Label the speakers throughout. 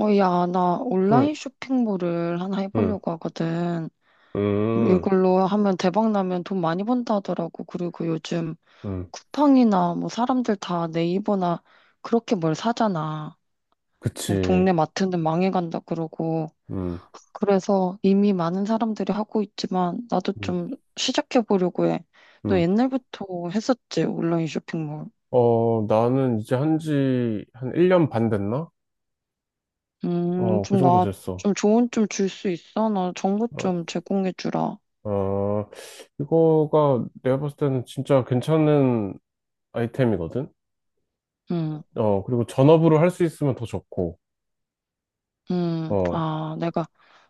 Speaker 1: 야, 나
Speaker 2: 응.
Speaker 1: 온라인 쇼핑몰을 하나
Speaker 2: 응.
Speaker 1: 해보려고 하거든.
Speaker 2: 음,
Speaker 1: 이걸로 하면 대박 나면 돈 많이 번다 하더라고. 그리고 요즘
Speaker 2: 응.
Speaker 1: 쿠팡이나 뭐 사람들 다 네이버나 그렇게 뭘 사잖아. 뭐
Speaker 2: 그치.
Speaker 1: 동네 마트는 망해간다 그러고.
Speaker 2: 응.
Speaker 1: 그래서 이미 많은 사람들이 하고 있지만 나도
Speaker 2: 응.
Speaker 1: 좀 시작해보려고 해. 너
Speaker 2: 응.
Speaker 1: 옛날부터 했었지, 온라인 쇼핑몰.
Speaker 2: 어, 나는 이제 한 지, 한 1년 반 됐나? 어, 그
Speaker 1: 좀
Speaker 2: 정도
Speaker 1: 나
Speaker 2: 됐어.
Speaker 1: 좀 조언 좀 줄 수 있어? 나 정보
Speaker 2: 어,
Speaker 1: 좀 제공해주라.
Speaker 2: 어, 이거가 내가 봤을 때는 진짜 괜찮은 아이템이거든?
Speaker 1: 음.
Speaker 2: 어, 그리고 전업으로 할 수 있으면 더 좋고, 어,
Speaker 1: 내가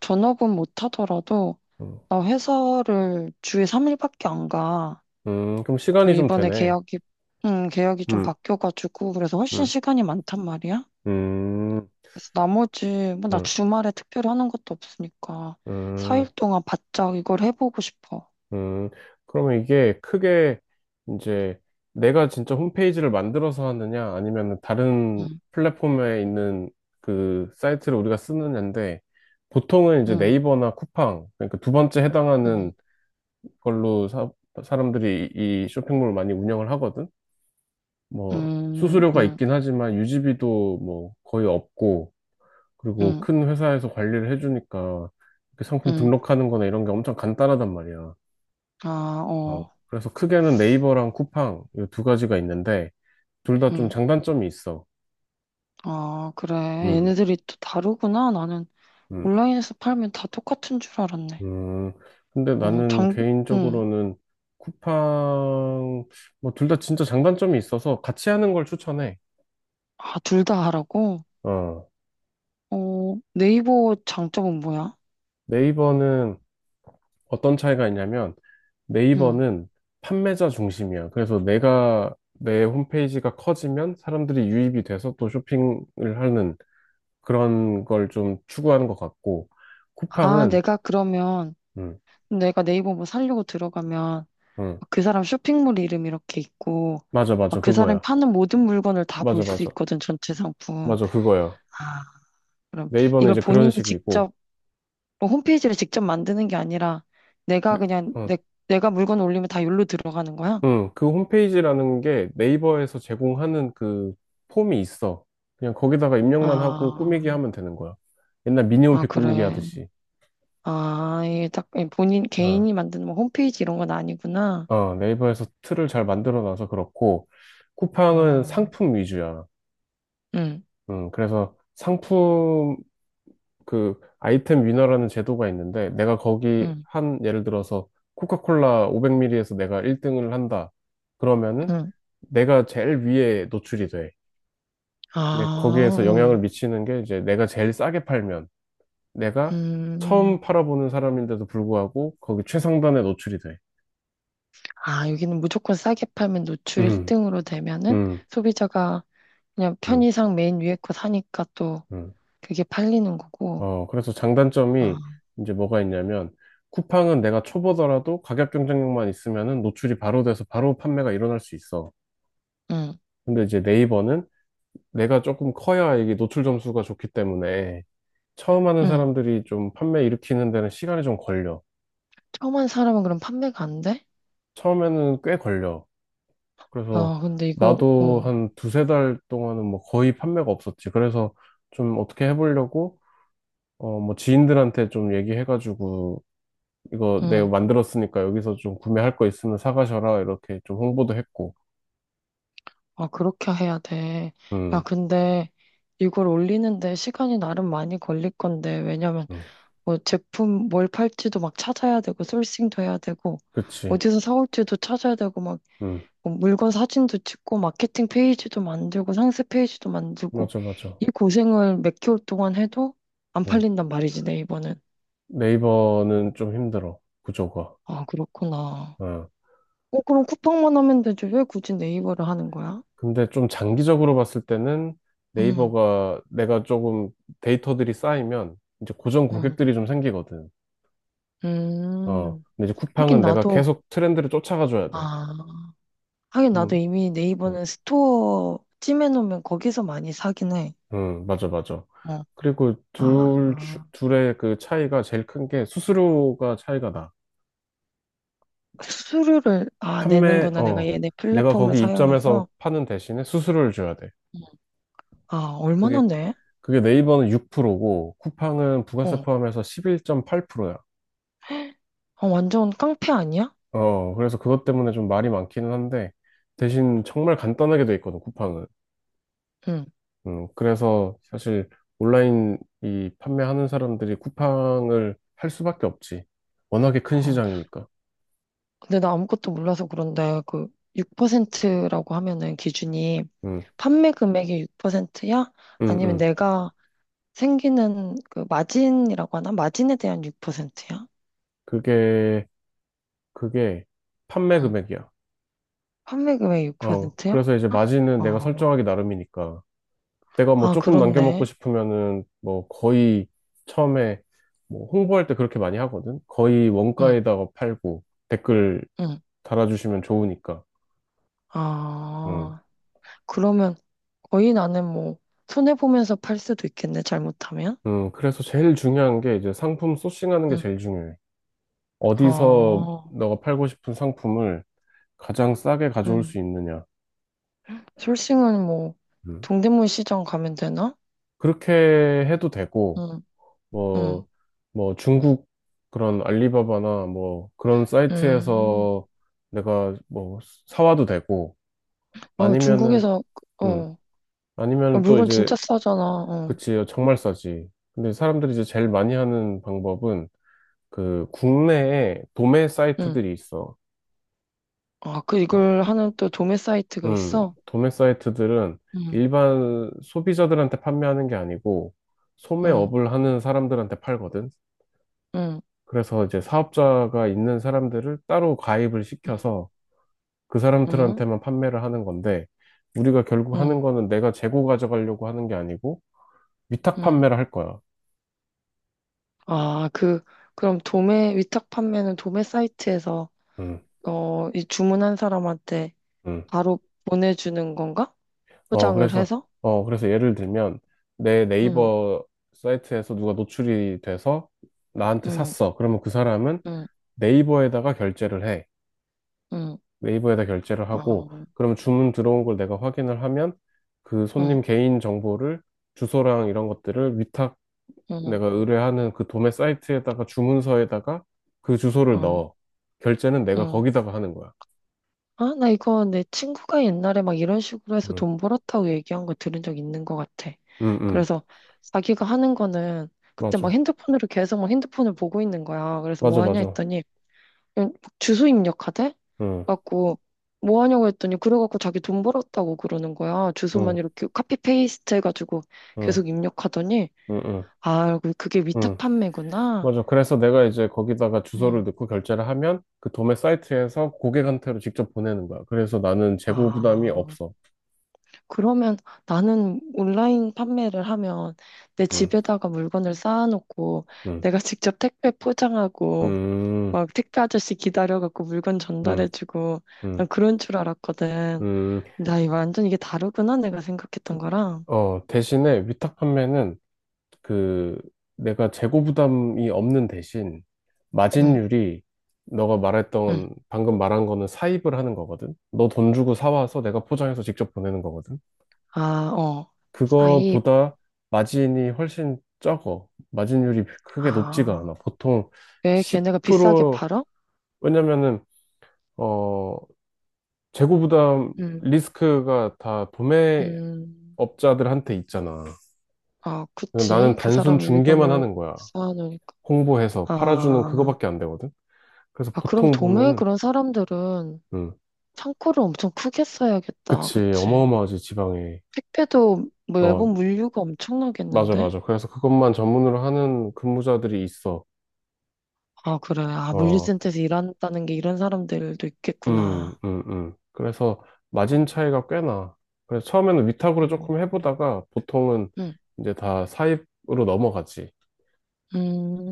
Speaker 1: 전업은 못하더라도
Speaker 2: 음,
Speaker 1: 나 회사를 주에 3일밖에 안 가.
Speaker 2: 그럼
Speaker 1: 좀
Speaker 2: 시간이 좀
Speaker 1: 이번에
Speaker 2: 되네.
Speaker 1: 계약이, 계약이 좀
Speaker 2: 음,
Speaker 1: 바뀌어가지고 그래서 훨씬
Speaker 2: 음,
Speaker 1: 시간이 많단 말이야.
Speaker 2: 음,
Speaker 1: 그래서 나머지 뭐 나
Speaker 2: 음,
Speaker 1: 주말에 특별히 하는 것도 없으니까
Speaker 2: 음.
Speaker 1: 4일 동안 바짝 이걸 해보고 싶어.
Speaker 2: 음, 그러면 이게 크게 이제 내가 진짜 홈페이지를 만들어서 하느냐, 아니면 다른
Speaker 1: 음,
Speaker 2: 플랫폼에 있는 그 사이트를 우리가 쓰느냐인데, 보통은 이제
Speaker 1: 음,
Speaker 2: 네이버나 쿠팡, 그러니까 두 번째 해당하는
Speaker 1: 음,
Speaker 2: 걸로 사람들이 이 쇼핑몰을 많이 운영을 하거든? 뭐,
Speaker 1: 음,
Speaker 2: 수수료가
Speaker 1: 음,
Speaker 2: 있긴 하지만 유지비도 뭐 거의 없고, 그리고
Speaker 1: 음,
Speaker 2: 큰 회사에서 관리를 해주니까, 이렇게 상품
Speaker 1: 음.
Speaker 2: 등록하는 거나 이런 게 엄청 간단하단 말이야.
Speaker 1: 아,
Speaker 2: 어,
Speaker 1: 어,
Speaker 2: 그래서 크게는 네이버랑 쿠팡 이 두 가지가 있는데 둘 다 좀
Speaker 1: 음.
Speaker 2: 장단점이 있어.
Speaker 1: 아, 그래.
Speaker 2: 음,
Speaker 1: 얘네들이 또 다르구나. 나는
Speaker 2: 음,
Speaker 1: 온라인에서 팔면 다 똑같은 줄 알았네.
Speaker 2: 음. 근데
Speaker 1: 어,
Speaker 2: 나는
Speaker 1: 장, 응.
Speaker 2: 개인적으로는 쿠팡 뭐 둘 다 진짜 장단점이 있어서 같이 하는 걸 추천해.
Speaker 1: 아, 둘 다 하라고?
Speaker 2: 어,
Speaker 1: 어, 네이버 장점은 뭐야?
Speaker 2: 네이버는 어떤 차이가 있냐면
Speaker 1: 응.
Speaker 2: 네이버는 판매자 중심이야. 그래서 내가 내 홈페이지가 커지면 사람들이 유입이 돼서 또 쇼핑을 하는 그런 걸 좀 추구하는 것 같고
Speaker 1: 아,
Speaker 2: 쿠팡은 음,
Speaker 1: 내가 네이버 뭐 살려고 들어가면,
Speaker 2: 응.
Speaker 1: 막그 사람 쇼핑몰 이름 이렇게 있고,
Speaker 2: 맞아, 맞아.
Speaker 1: 막 그 사람이
Speaker 2: 그거야.
Speaker 1: 파는 모든 물건을 다 볼
Speaker 2: 맞아,
Speaker 1: 수
Speaker 2: 맞아.
Speaker 1: 있거든, 전체 상품.
Speaker 2: 맞아, 그거야.
Speaker 1: 아, 그럼
Speaker 2: 네이버는
Speaker 1: 이걸
Speaker 2: 이제 그런
Speaker 1: 본인이
Speaker 2: 식이고.
Speaker 1: 직접, 뭐 홈페이지를 직접 만드는 게 아니라, 내가
Speaker 2: 네.
Speaker 1: 그냥,
Speaker 2: 응.
Speaker 1: 내가 물건 올리면 다 여기로 들어가는 거야?
Speaker 2: 응. 그 홈페이지라는 게 네이버에서 제공하는 그 폼이 있어. 그냥 거기다가 입력만 하고 꾸미기
Speaker 1: 아,
Speaker 2: 하면 되는 거야. 옛날
Speaker 1: 아,
Speaker 2: 미니홈피 꾸미기
Speaker 1: 그래.
Speaker 2: 하듯이.
Speaker 1: 아, 이게 딱 예, 본인
Speaker 2: 어.
Speaker 1: 개인이 만든 뭐 홈페이지 이런 건 아니구나.
Speaker 2: 어, 네이버에서 틀을 잘 만들어 놔서 그렇고, 쿠팡은
Speaker 1: 아,
Speaker 2: 상품 위주야.
Speaker 1: 응,
Speaker 2: 응. 그래서 상품, 그 아이템 위너라는 제도가 있는데 내가 거기
Speaker 1: 응,
Speaker 2: 한 예를 들어서 코카콜라 500ml에서 내가 1등을 한다. 그러면은
Speaker 1: 응.
Speaker 2: 내가 제일 위에 노출이 돼. 근데
Speaker 1: 아,
Speaker 2: 거기에서 영향을 미치는 게 이제 내가 제일 싸게 팔면 내가
Speaker 1: 음.
Speaker 2: 처음 팔아보는 사람인데도 불구하고 거기 최상단에 노출이 돼.
Speaker 1: 아, 여기는 무조건 싸게 팔면 노출
Speaker 2: 음,
Speaker 1: 1등으로 되면은
Speaker 2: 음,
Speaker 1: 소비자가 그냥
Speaker 2: 음,
Speaker 1: 편의상 맨 위에 거 사니까 또
Speaker 2: 음.
Speaker 1: 그게 팔리는 거고.
Speaker 2: 어, 그래서 장단점이
Speaker 1: 아,
Speaker 2: 이제 뭐가 있냐면 쿠팡은 내가 초보더라도 가격 경쟁력만 있으면은 노출이 바로 돼서 바로 판매가 일어날 수 있어.
Speaker 1: 응,
Speaker 2: 근데 이제 네이버는 내가 조금 커야 이게 노출 점수가 좋기 때문에 처음 하는
Speaker 1: 응.
Speaker 2: 사람들이 좀 판매 일으키는 데는 시간이 좀 걸려.
Speaker 1: 처음 한 사람은 그럼 판매가 안 돼?
Speaker 2: 처음에는 꽤 걸려. 그래서
Speaker 1: 야, 근데 이거,
Speaker 2: 나도 한 두세 달 동안은 뭐 거의 판매가 없었지. 그래서 좀 어떻게 해보려고 어 뭐 지인들한테 좀 얘기해가지고 이거 내가
Speaker 1: 응.
Speaker 2: 만들었으니까 여기서 좀 구매할 거 있으면 사가셔라 이렇게 좀 홍보도 했고.
Speaker 1: 아, 그렇게 해야 돼. 야,
Speaker 2: 음,
Speaker 1: 근데 이걸 올리는데 시간이 나름 많이 걸릴 건데, 왜냐면
Speaker 2: 음,
Speaker 1: 뭐 제품 뭘 팔지도 막 찾아야 되고 소싱도 해야 되고
Speaker 2: 그치.
Speaker 1: 어디서 사올지도 찾아야 되고 막뭐
Speaker 2: 음,
Speaker 1: 물건 사진도 찍고 마케팅 페이지도 만들고 상세 페이지도 만들고
Speaker 2: 맞아, 맞아.
Speaker 1: 이 고생을 몇 개월 동안 해도 안
Speaker 2: 음.
Speaker 1: 팔린단 말이지 네이버는.
Speaker 2: 네이버는 좀 힘들어. 구조가.
Speaker 1: 아, 그렇구나.
Speaker 2: 어,
Speaker 1: 그럼 쿠팡만 하면 되지 왜 굳이 네이버를 하는 거야?
Speaker 2: 근데 좀 장기적으로 봤을 때는
Speaker 1: 음,
Speaker 2: 네이버가 내가 조금 데이터들이 쌓이면 이제 고정
Speaker 1: 음,
Speaker 2: 고객들이 좀 생기거든. 어,
Speaker 1: 음.
Speaker 2: 근데 이제
Speaker 1: 하긴
Speaker 2: 쿠팡은 내가
Speaker 1: 나도
Speaker 2: 계속 트렌드를 쫓아가줘야 돼.
Speaker 1: 아 하긴 나도
Speaker 2: 좀,
Speaker 1: 이미
Speaker 2: 음,
Speaker 1: 네이버는 스토어 찜해놓으면 거기서 많이 사긴 해.
Speaker 2: 맞아, 맞아.
Speaker 1: 어.
Speaker 2: 그리고
Speaker 1: 아,
Speaker 2: 둘의 그 차이가 제일 큰 게 수수료가 차이가 나.
Speaker 1: 수수료를 아
Speaker 2: 판매,
Speaker 1: 내는구나 내가
Speaker 2: 어,
Speaker 1: 얘네
Speaker 2: 내가
Speaker 1: 플랫폼을
Speaker 2: 거기 입점해서
Speaker 1: 사용해서.
Speaker 2: 파는 대신에 수수료를 줘야 돼.
Speaker 1: 음. 아 얼마나
Speaker 2: 그게,
Speaker 1: 내?
Speaker 2: 그게 네이버는 6%고 쿠팡은 부가세
Speaker 1: 어
Speaker 2: 포함해서 11.8%야.
Speaker 1: 아, 완전 깡패 아니야?
Speaker 2: 어, 그래서 그것 때문에 좀 말이 많기는 한데, 대신 정말 간단하게 돼 있거든, 쿠팡은.
Speaker 1: 응.
Speaker 2: 그래서 사실 온라인 이 판매하는 사람들이 쿠팡을 할 수밖에 없지. 워낙에 큰
Speaker 1: 어
Speaker 2: 시장이니까.
Speaker 1: 근데 나 아무것도 몰라서 그런데 그 6%라고 하면은 기준이
Speaker 2: 음,
Speaker 1: 판매 금액의 6%야?
Speaker 2: 음,
Speaker 1: 아니면
Speaker 2: 음.
Speaker 1: 내가 생기는 그 마진이라고 하나? 마진에 대한 6%야?
Speaker 2: 그게, 그게 판매
Speaker 1: 음.
Speaker 2: 금액이야.
Speaker 1: 판매 금액
Speaker 2: 어,
Speaker 1: 6%야?
Speaker 2: 그래서 이제 마진은 내가
Speaker 1: 아,
Speaker 2: 설정하기 나름이니까. 내가 뭐
Speaker 1: 아
Speaker 2: 조금 남겨먹고
Speaker 1: 그렇네.
Speaker 2: 싶으면은 뭐 거의 처음에 뭐 홍보할 때 그렇게 많이 하거든. 거의
Speaker 1: 응,
Speaker 2: 원가에다가 팔고 댓글
Speaker 1: 응.
Speaker 2: 달아주시면 좋으니까. 음.
Speaker 1: 아. 그러면 거의 나는 뭐 손해보면서 팔 수도 있겠네, 잘못하면.
Speaker 2: 그래서 제일 중요한 게 이제 상품 소싱하는 게
Speaker 1: 응.
Speaker 2: 제일 중요해. 어디서
Speaker 1: 아,
Speaker 2: 너가 팔고 싶은 상품을 가장 싸게 가져올
Speaker 1: 응.
Speaker 2: 수 있느냐.
Speaker 1: 솔싱은 뭐
Speaker 2: 음.
Speaker 1: 동대문 시장 가면 되나?
Speaker 2: 그렇게 해도 되고,
Speaker 1: 응, 응,
Speaker 2: 뭐, 뭐 중국 그런 알리바바나 뭐 그런
Speaker 1: 응.
Speaker 2: 사이트에서 내가 뭐 사와도 되고,
Speaker 1: 어,
Speaker 2: 아니면은,
Speaker 1: 중국에서, 어,
Speaker 2: 음,
Speaker 1: 어,
Speaker 2: 아니면 또
Speaker 1: 물건
Speaker 2: 이제,
Speaker 1: 진짜 싸잖아, 어,
Speaker 2: 그치, 정말 싸지. 근데 사람들이 이제 제일 많이 하는 방법은 그 국내에 도매
Speaker 1: 응.
Speaker 2: 사이트들이 있어.
Speaker 1: 아, 그
Speaker 2: 어,
Speaker 1: 이걸 하는 또 도매 사이트가
Speaker 2: 음,
Speaker 1: 있어?
Speaker 2: 도매 사이트들은
Speaker 1: 응,
Speaker 2: 일반 소비자들한테 판매하는 게 아니고
Speaker 1: 응,
Speaker 2: 소매업을 하는 사람들한테 팔거든.
Speaker 1: 응,
Speaker 2: 그래서 이제 사업자가 있는 사람들을 따로 가입을 시켜서 그
Speaker 1: 응,
Speaker 2: 사람들한테만 판매를 하는 건데 우리가 결국 하는
Speaker 1: 응,
Speaker 2: 거는 내가 재고 가져가려고 하는 게 아니고 위탁
Speaker 1: 응.
Speaker 2: 판매를 할 거야.
Speaker 1: 아, 그럼 도매, 위탁 판매는 도매 사이트에서,
Speaker 2: 음,
Speaker 1: 이 주문한 사람한테
Speaker 2: 음.
Speaker 1: 바로 보내주는 건가?
Speaker 2: 어,
Speaker 1: 포장을
Speaker 2: 그래서,
Speaker 1: 해서?
Speaker 2: 어, 그래서 예를 들면, 내
Speaker 1: 응,
Speaker 2: 네이버 사이트에서 누가 노출이 돼서 나한테
Speaker 1: 응,
Speaker 2: 샀어. 그러면 그 사람은
Speaker 1: 응,
Speaker 2: 네이버에다가 결제를 해.
Speaker 1: 응,
Speaker 2: 네이버에다 결제를 하고,
Speaker 1: 어,
Speaker 2: 그러면 주문 들어온 걸 내가 확인을 하면 그
Speaker 1: 응,
Speaker 2: 손님 개인 정보를 주소랑 이런 것들을 위탁
Speaker 1: 응,
Speaker 2: 내가 의뢰하는 그 도매 사이트에다가 주문서에다가 그 주소를
Speaker 1: 어,
Speaker 2: 넣어. 결제는 내가
Speaker 1: 응.
Speaker 2: 거기다가 하는 거야.
Speaker 1: 아, 나 이거 내 친구가 옛날에 막 이런 식으로 해서
Speaker 2: 응,
Speaker 1: 돈 벌었다고 얘기한 거 들은 적 있는 것 같아.
Speaker 2: 응, 응.
Speaker 1: 그래서 자기가 하는 거는 그때 막
Speaker 2: 맞아.
Speaker 1: 핸드폰으로 계속 막 핸드폰을 보고 있는 거야. 그래서
Speaker 2: 맞아,
Speaker 1: 뭐 하냐
Speaker 2: 맞아.
Speaker 1: 했더니 그냥 막 주소 입력하대?
Speaker 2: 응,
Speaker 1: 갖고 뭐 하냐고 했더니 그래갖고 자기 돈 벌었다고 그러는 거야.
Speaker 2: 응,
Speaker 1: 주소만 이렇게 카피 페이스트 해가지고
Speaker 2: 응,
Speaker 1: 계속 입력하더니
Speaker 2: 응, 응.
Speaker 1: 아, 그게 위탁
Speaker 2: 응.
Speaker 1: 판매구나.
Speaker 2: 맞아. 그래서 내가 이제 거기다가 주소를
Speaker 1: 음.
Speaker 2: 넣고 결제를 하면 그 도매 사이트에서 고객한테로 직접 보내는 거야. 그래서 나는 재고 부담이
Speaker 1: 아,
Speaker 2: 없어.
Speaker 1: 그러면 나는 온라인 판매를 하면 내
Speaker 2: 음,
Speaker 1: 집에다가 물건을 쌓아놓고
Speaker 2: 음,
Speaker 1: 내가 직접 택배 포장하고
Speaker 2: 음,
Speaker 1: 막 택배 아저씨 기다려갖고 물건
Speaker 2: 음,
Speaker 1: 전달해주고 난
Speaker 2: 음,
Speaker 1: 그런 줄 알았거든.
Speaker 2: 음.
Speaker 1: 나 이 완전 이게 다르구나 내가
Speaker 2: 그,
Speaker 1: 생각했던 거랑.
Speaker 2: 어, 대신에 위탁 판매는 그 내가 재고 부담이 없는 대신
Speaker 1: 응,
Speaker 2: 마진율이 너가
Speaker 1: 응.
Speaker 2: 말했던 방금 말한 거는 사입을 하는 거거든. 너 돈 주고 사와서 내가 포장해서 직접 보내는 거거든.
Speaker 1: 아, 어. 사입.
Speaker 2: 그거보다 마진이 훨씬 적어. 마진율이 크게 높지가
Speaker 1: 아,
Speaker 2: 않아. 보통
Speaker 1: 왜 걔네가 비싸게
Speaker 2: 10%,
Speaker 1: 팔아?
Speaker 2: 왜냐면은, 어, 재고 부담
Speaker 1: 응,
Speaker 2: 리스크가 다 도매업자들한테
Speaker 1: 음.
Speaker 2: 있잖아.
Speaker 1: 아,
Speaker 2: 나는
Speaker 1: 그치. 그
Speaker 2: 단순
Speaker 1: 사람
Speaker 2: 중개만
Speaker 1: 물건을
Speaker 2: 하는 거야.
Speaker 1: 쌓아놓으니까.
Speaker 2: 홍보해서 팔아주는
Speaker 1: 아,
Speaker 2: 그거밖에 안 되거든. 그래서
Speaker 1: 아, 그럼
Speaker 2: 보통
Speaker 1: 도매에
Speaker 2: 보면은,
Speaker 1: 그런 사람들은
Speaker 2: 음,
Speaker 1: 창고를 엄청 크게 써야겠다.
Speaker 2: 그치,
Speaker 1: 그치.
Speaker 2: 어마어마하지, 지방에.
Speaker 1: 택배도 뭐
Speaker 2: 어,
Speaker 1: 매번 물류가
Speaker 2: 맞아,
Speaker 1: 엄청나겠는데?
Speaker 2: 맞아. 그래서 그것만 전문으로 하는 근무자들이 있어.
Speaker 1: 아, 그래. 아,
Speaker 2: 어,
Speaker 1: 물류센터에서 일한다는 게 이런 사람들도 있겠구나.
Speaker 2: 그래서 마진 차이가 꽤 나. 그래서 처음에는 위탁으로
Speaker 1: 음,
Speaker 2: 조금 해보다가 보통은
Speaker 1: 음,
Speaker 2: 이제 다 사입으로 넘어가지.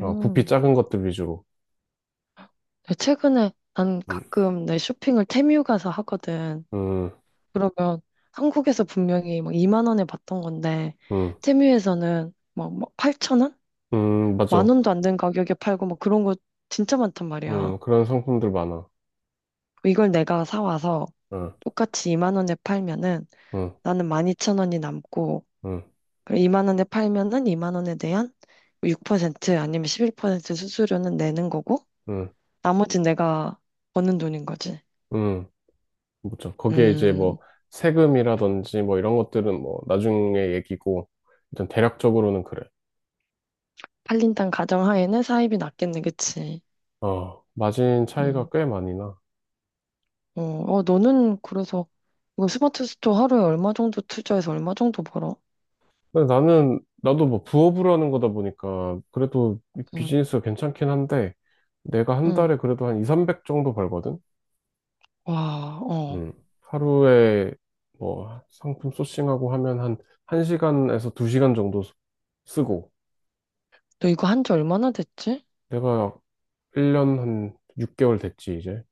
Speaker 2: 어, 부피 작은 것들 위주로.
Speaker 1: 최근에 난
Speaker 2: 음,
Speaker 1: 가끔 내 쇼핑을 테뮤 가서 하거든.
Speaker 2: 음,
Speaker 1: 그러면 한국에서 분명히 막 2만 원에 봤던 건데,
Speaker 2: 음,
Speaker 1: 테뮤에서는 막 8천 원? 만
Speaker 2: 맞아.
Speaker 1: 원도 안 되는 가격에 팔고 막 그런 거 진짜 많단 말이야.
Speaker 2: 그런 상품들 많아.
Speaker 1: 이걸 내가 사와서
Speaker 2: 응,
Speaker 1: 똑같이 2만 원에 팔면은
Speaker 2: 응,
Speaker 1: 나는 12,000원이 남고
Speaker 2: 응,
Speaker 1: 2만 원에 팔면은 2만 원에 대한 6% 아니면 11% 수수료는 내는 거고
Speaker 2: 응,
Speaker 1: 나머지 내가 버는 돈인 거지.
Speaker 2: 응. 그렇죠. 거기에 이제
Speaker 1: 음,
Speaker 2: 뭐 세금이라든지 뭐 이런 것들은 뭐 나중에 얘기고 일단 대략적으로는 그래.
Speaker 1: 팔린 땅 가정하에는 사입이 낮겠네, 그치?
Speaker 2: 어, 마진 차이가
Speaker 1: 음,
Speaker 2: 꽤 많이 나.
Speaker 1: 너는 그래서 이거 스마트 스토어 하루에 얼마 정도 투자해서 얼마 정도 벌어?
Speaker 2: 근데 나도 뭐 부업으로 하는 거다 보니까, 그래도 이
Speaker 1: 응,
Speaker 2: 비즈니스가 괜찮긴 한데, 내가 한
Speaker 1: 응,
Speaker 2: 달에 그래도 한 2, 300 정도 벌거든?
Speaker 1: 와, 어.
Speaker 2: 음. 하루에 뭐 상품 소싱하고 하면 한 1시간에서 2시간 정도 쓰고,
Speaker 1: 너 이거 한지 얼마나 됐지?
Speaker 2: 내가 1년 한 6개월 됐지, 이제.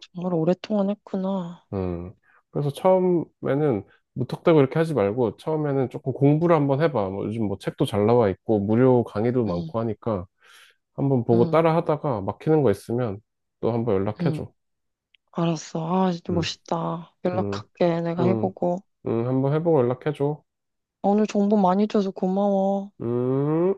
Speaker 1: 정말 오랫동안 했구나.
Speaker 2: 음. 그래서 처음에는 무턱대고 이렇게 하지 말고, 처음에는 조금 공부를 한번 해봐. 뭐 요즘 뭐 책도 잘 나와 있고, 무료 강의도
Speaker 1: 응,
Speaker 2: 많고 하니까, 한번 보고
Speaker 1: 응,
Speaker 2: 따라 하다가 막히는 거 있으면 또 한번
Speaker 1: 응.
Speaker 2: 연락해줘.
Speaker 1: 알았어. 아, 진짜
Speaker 2: 응,
Speaker 1: 멋있다.
Speaker 2: 응,
Speaker 1: 연락할게. 내가
Speaker 2: 응,
Speaker 1: 해보고.
Speaker 2: 응, 한번 해보고 연락해줘.
Speaker 1: 오늘 정보 많이 줘서 고마워.
Speaker 2: 음.